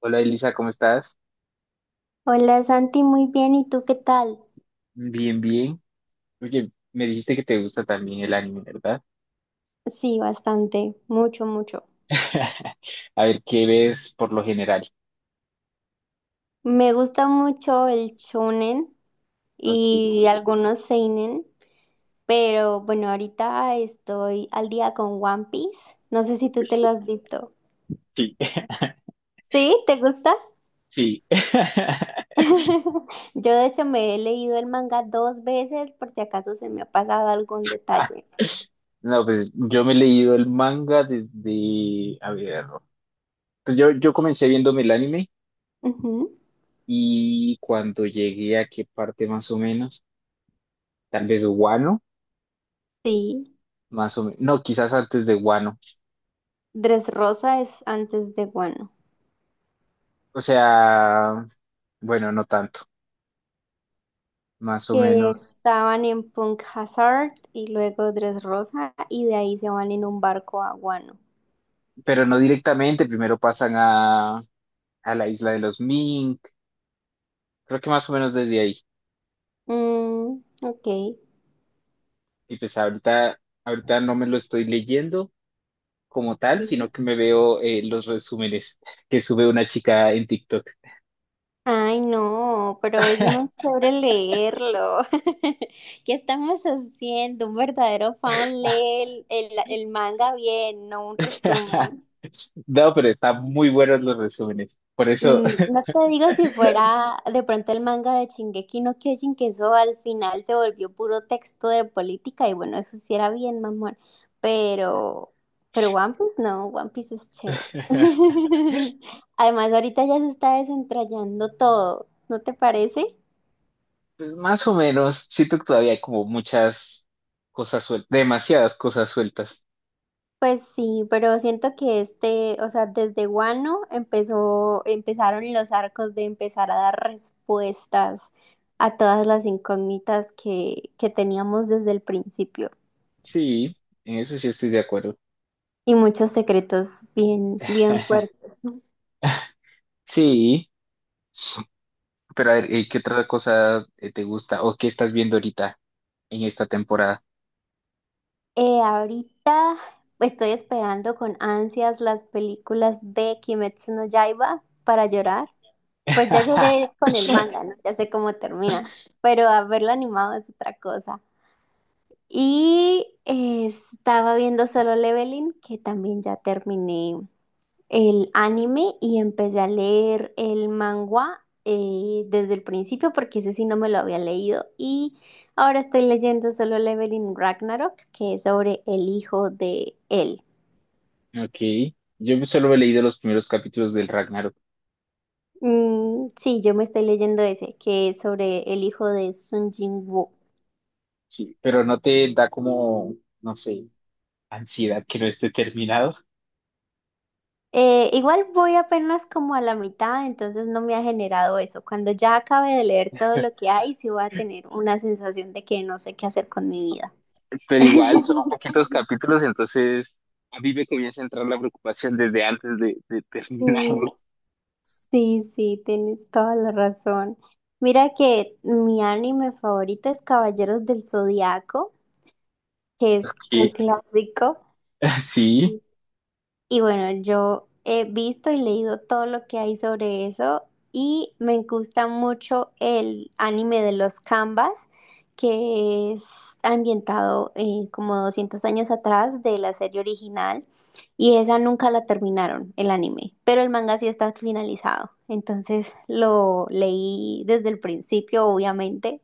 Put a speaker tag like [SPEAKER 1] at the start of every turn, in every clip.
[SPEAKER 1] Hola Elisa, ¿cómo estás?
[SPEAKER 2] Hola Santi, muy bien. ¿Y tú qué tal?
[SPEAKER 1] Bien, bien. Oye, me dijiste que te gusta también el anime, ¿verdad?
[SPEAKER 2] Sí, bastante, mucho, mucho.
[SPEAKER 1] A ver, ¿qué ves por lo general?
[SPEAKER 2] Me gusta mucho el shonen
[SPEAKER 1] Ok.
[SPEAKER 2] y algunos seinen, pero bueno, ahorita estoy al día con One Piece. No sé si tú te
[SPEAKER 1] Pues,
[SPEAKER 2] lo has visto.
[SPEAKER 1] sí,
[SPEAKER 2] ¿Sí? ¿Te gusta?
[SPEAKER 1] sí.
[SPEAKER 2] Yo de hecho me he leído el manga dos veces por si acaso se me ha pasado algún detalle.
[SPEAKER 1] No, pues yo me he leído el manga desde, a ver, pues yo comencé viéndome el anime
[SPEAKER 2] Ujú.
[SPEAKER 1] y cuando llegué a qué parte más o menos, tal vez Wano,
[SPEAKER 2] Sí.
[SPEAKER 1] más o menos, no, quizás antes de Wano.
[SPEAKER 2] Dressrosa es antes de Wano.
[SPEAKER 1] O sea, bueno, no tanto, más o
[SPEAKER 2] Que
[SPEAKER 1] menos.
[SPEAKER 2] estaban en Punk Hazard y luego Dress Rosa y de ahí se van en un barco a Guano.
[SPEAKER 1] Pero no directamente, primero pasan a la isla de los Mink, creo que más o menos desde ahí.
[SPEAKER 2] Mm, ok.
[SPEAKER 1] Y pues ahorita, ahorita no me lo estoy leyendo como tal,
[SPEAKER 2] Sí.
[SPEAKER 1] sino que me veo los resúmenes que sube una chica en TikTok.
[SPEAKER 2] Ay, no, pero es muy chévere leerlo. ¿Qué estamos haciendo? Un verdadero fan lee el manga bien, no un resumen.
[SPEAKER 1] No, pero están muy buenos los resúmenes. Por eso,
[SPEAKER 2] No te digo si fuera de pronto el manga de Shingeki no Kyojin, que eso al final se volvió puro texto de política y bueno, eso sí era bien mamón, pero, pero One Piece no, One Piece es chévere. Además, ahorita ya se está desentrañando todo, ¿no te parece?
[SPEAKER 1] pues, más o menos, siento que todavía hay como muchas cosas sueltas, demasiadas cosas sueltas.
[SPEAKER 2] Pues sí, pero siento que este, o sea, desde Guano empezaron los arcos de empezar a dar respuestas a todas las incógnitas que teníamos desde el principio
[SPEAKER 1] Sí, en eso sí estoy de acuerdo.
[SPEAKER 2] y muchos secretos bien, bien fuertes.
[SPEAKER 1] Sí. Pero a ver, ¿qué otra cosa te gusta o qué estás viendo ahorita en esta temporada?
[SPEAKER 2] Ahorita estoy esperando con ansias las películas de Kimetsu no Yaiba para llorar. Pues ya lloré con el manga, ¿no? Ya sé cómo termina, pero haberlo animado es otra cosa. Y estaba viendo Solo Leveling, que también ya terminé el anime y empecé a leer el manga desde el principio porque ese sí no me lo había leído. Y ahora estoy leyendo Solo Leveling Ragnarok, que es sobre el hijo de él.
[SPEAKER 1] Ok, yo solo he leído los primeros capítulos del Ragnarok,
[SPEAKER 2] Mm, sí, yo me estoy leyendo ese, que es sobre el hijo de Sun Jin.
[SPEAKER 1] sí, pero no te da como, no sé, ansiedad que no esté terminado.
[SPEAKER 2] Igual voy apenas como a la mitad, entonces no me ha generado eso. Cuando ya acabe de leer todo lo que hay, sí voy a tener una sensación de que no sé qué hacer con mi vida.
[SPEAKER 1] Pero igual son poquitos capítulos, entonces a mí me comienza a entrar la preocupación desde antes de
[SPEAKER 2] Mm,
[SPEAKER 1] terminarlo.
[SPEAKER 2] sí, sí, tienes toda la razón. Mira que mi anime favorito es Caballeros del Zodiaco, que es un
[SPEAKER 1] Ok.
[SPEAKER 2] clásico.
[SPEAKER 1] Sí,
[SPEAKER 2] Y bueno, yo he visto y leído todo lo que hay sobre eso y me gusta mucho el anime de los Canvas, que es ambientado como 200 años atrás de la serie original y esa nunca la terminaron, el anime, pero el manga sí está finalizado. Entonces lo leí desde el principio, obviamente,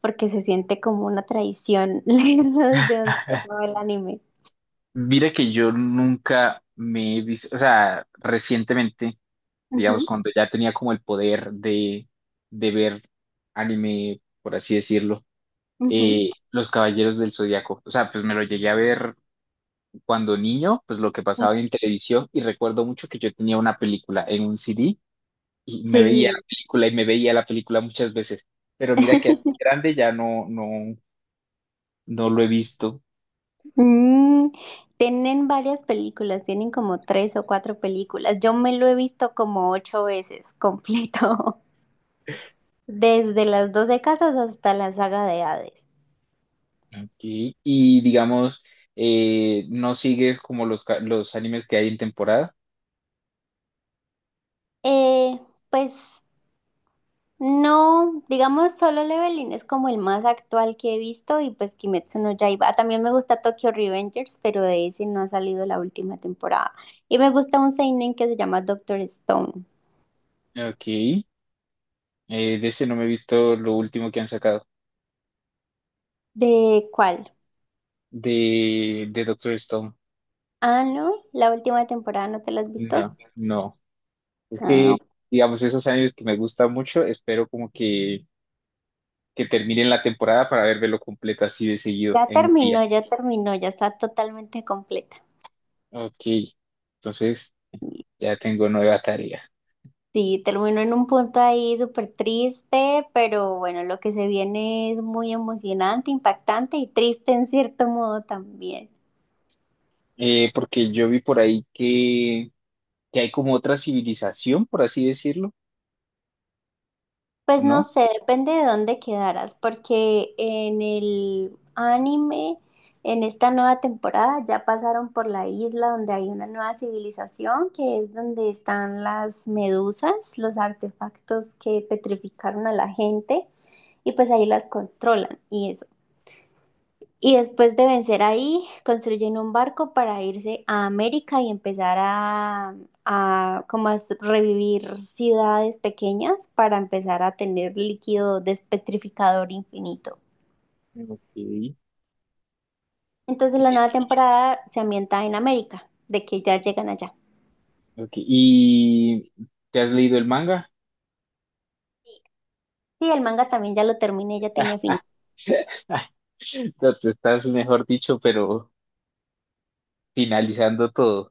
[SPEAKER 2] porque se siente como una traición leerlo desde donde se acaba el anime.
[SPEAKER 1] mira que yo nunca me he visto, o sea, recientemente digamos,
[SPEAKER 2] Ujú,
[SPEAKER 1] cuando ya tenía como el poder de ver anime, por así decirlo,
[SPEAKER 2] ujú.
[SPEAKER 1] Los Caballeros del Zodiaco. O sea, pues me lo llegué a ver cuando niño, pues lo que pasaba en televisión y recuerdo mucho que yo tenía una película en un CD y me veía la
[SPEAKER 2] Sí.
[SPEAKER 1] película y me veía la película muchas veces, pero mira que así grande ya no, no, no lo he visto.
[SPEAKER 2] Mm, Tienen varias películas, tienen como tres o cuatro películas. Yo me lo he visto como ocho veces completo, desde las 12 casas hasta la saga de Hades.
[SPEAKER 1] Ok. Y digamos, no sigues como los animes que hay en temporada.
[SPEAKER 2] Eh, pues no, digamos Solo Leveling es como el más actual que he visto y pues Kimetsu no Yaiba. También me gusta Tokyo Revengers, pero de ese no ha salido la última temporada. Y me gusta un seinen que se llama Doctor Stone.
[SPEAKER 1] Ok. De ese no me he visto lo último que han sacado.
[SPEAKER 2] ¿De cuál?
[SPEAKER 1] De Doctor Stone.
[SPEAKER 2] Ah, no, la última temporada no te la has visto.
[SPEAKER 1] No, no. Es
[SPEAKER 2] Ah,
[SPEAKER 1] que,
[SPEAKER 2] ok.
[SPEAKER 1] digamos, esos años que me gusta mucho, espero como que, terminen la temporada para verlo completa así de seguido
[SPEAKER 2] Ya
[SPEAKER 1] en un día.
[SPEAKER 2] terminó, ya terminó, ya está totalmente completa.
[SPEAKER 1] Ok, entonces ya tengo nueva tarea.
[SPEAKER 2] Sí, terminó en un punto ahí súper triste, pero bueno, lo que se viene es muy emocionante, impactante y triste en cierto modo también.
[SPEAKER 1] Porque yo vi por ahí que hay como otra civilización, por así decirlo,
[SPEAKER 2] Pues no
[SPEAKER 1] ¿no?
[SPEAKER 2] sé, depende de dónde quedaras, porque en el anime, en esta nueva temporada, ya pasaron por la isla donde hay una nueva civilización, que es donde están las medusas, los artefactos que petrificaron a la gente, y pues ahí las controlan y eso. Y después de vencer ahí, construyen un barco para irse a América y empezar a como revivir ciudades pequeñas para empezar a tener líquido despetrificador infinito.
[SPEAKER 1] Ok. Y
[SPEAKER 2] Entonces la nueva
[SPEAKER 1] es-
[SPEAKER 2] temporada se ambienta en América, de que ya llegan allá.
[SPEAKER 1] ok, ¿y te has leído el manga?
[SPEAKER 2] Sí, el manga también ya lo terminé, ya tiene final.
[SPEAKER 1] No, tú estás, mejor dicho, pero finalizando todo.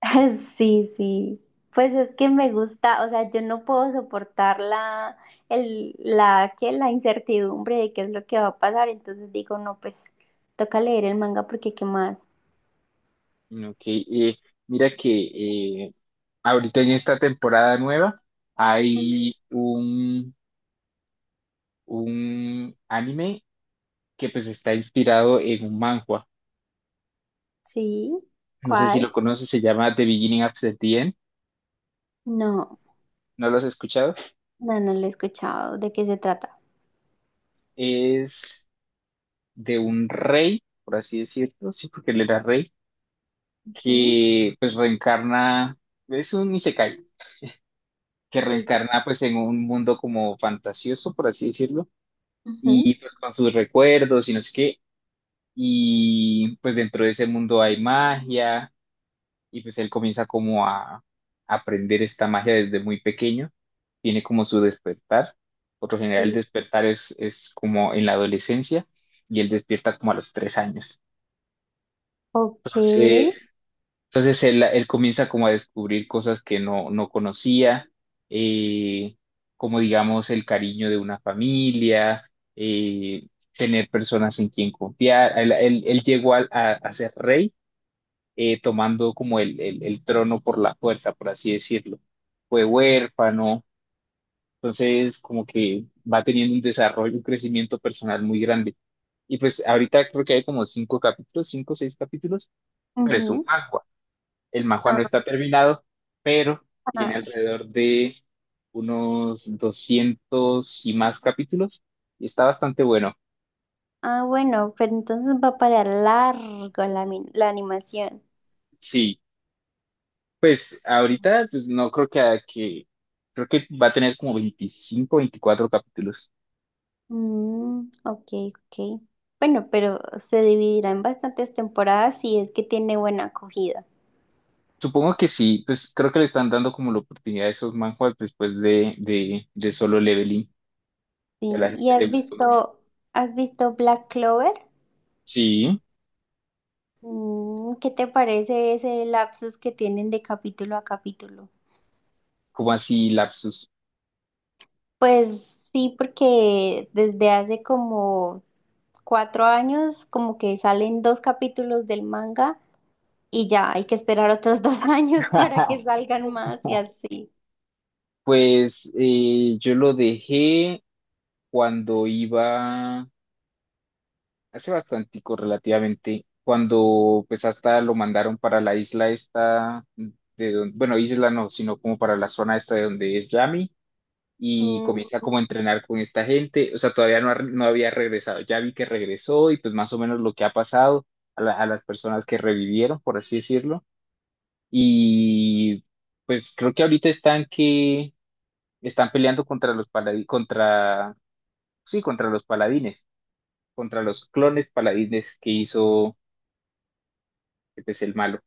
[SPEAKER 2] Sí, sí. Pues es que me gusta, o sea, yo no puedo soportar la, el, la, que la incertidumbre de qué es lo que va a pasar. Entonces digo, no, pues toca leer el manga porque qué más.
[SPEAKER 1] Ok, mira que ahorita en esta temporada nueva hay un anime que pues está inspirado en un manhwa.
[SPEAKER 2] Sí,
[SPEAKER 1] No sé si
[SPEAKER 2] ¿cuál?
[SPEAKER 1] lo conoces, se llama The Beginning of the End.
[SPEAKER 2] No,
[SPEAKER 1] ¿No lo has escuchado?
[SPEAKER 2] no, no lo he escuchado. ¿De qué se trata?
[SPEAKER 1] Es de un rey, por así decirlo, sí, porque él era rey,
[SPEAKER 2] ¿Mm?
[SPEAKER 1] que pues reencarna, es un isekai que
[SPEAKER 2] Sí, sí.
[SPEAKER 1] reencarna pues en un mundo como fantasioso, por así decirlo,
[SPEAKER 2] Ujú,
[SPEAKER 1] y pues con sus recuerdos y no sé qué, y pues dentro de ese mundo hay magia, y pues él comienza como a aprender esta magia desde muy pequeño, tiene como su despertar, por lo general
[SPEAKER 2] sí.
[SPEAKER 1] el despertar es como en la adolescencia, y él despierta como a los 3 años.
[SPEAKER 2] Ok.
[SPEAKER 1] Entonces, Entonces él comienza como a descubrir cosas que no conocía, eh, como digamos el cariño de una familia, eh, tener personas en quien confiar. Él llegó a ser rey tomando como el trono por la fuerza, por así decirlo. Fue huérfano, entonces como que va teniendo un desarrollo, un crecimiento personal muy grande. Y pues ahorita creo que hay como cinco capítulos, cinco o seis capítulos, pero es un
[SPEAKER 2] Ujú.
[SPEAKER 1] manga. El Majua
[SPEAKER 2] Ah,
[SPEAKER 1] no está terminado, pero tiene
[SPEAKER 2] ah,
[SPEAKER 1] alrededor de unos 200 y más capítulos y está bastante bueno.
[SPEAKER 2] ah, bueno, pero entonces va a parar largo la animación.
[SPEAKER 1] Sí, pues ahorita pues no creo que, creo que va a tener como 25, 24 capítulos.
[SPEAKER 2] Mm, ok, ok. Bueno, pero se dividirá en bastantes temporadas si es que tiene buena acogida.
[SPEAKER 1] Supongo que sí, pues creo que le están dando como la oportunidad a esos manhwas después de Solo Leveling, que a
[SPEAKER 2] Sí,
[SPEAKER 1] la
[SPEAKER 2] ¿y
[SPEAKER 1] gente le
[SPEAKER 2] has
[SPEAKER 1] gustó mucho.
[SPEAKER 2] visto, has visto Black Clover?
[SPEAKER 1] Sí,
[SPEAKER 2] ¿Qué te parece ese lapsus que tienen de capítulo a capítulo?
[SPEAKER 1] como así lapsus.
[SPEAKER 2] Pues sí, porque desde hace como 4 años como que salen dos capítulos del manga y ya hay que esperar otros 2 años para que salgan más y así.
[SPEAKER 1] Pues yo lo dejé cuando iba, hace bastantico relativamente, cuando pues hasta lo mandaron para la isla esta, bueno, isla no, sino como para la zona esta de donde es Yami, y
[SPEAKER 2] Mm,
[SPEAKER 1] comienza como a entrenar con esta gente, o sea, todavía no, no había regresado, ya vi que regresó y pues más o menos lo que ha pasado a las personas que revivieron, por así decirlo, y pues creo que ahorita están que están peleando contra los paladi- contra, sí, contra los paladines. Contra los clones paladines que hizo pues, el malo.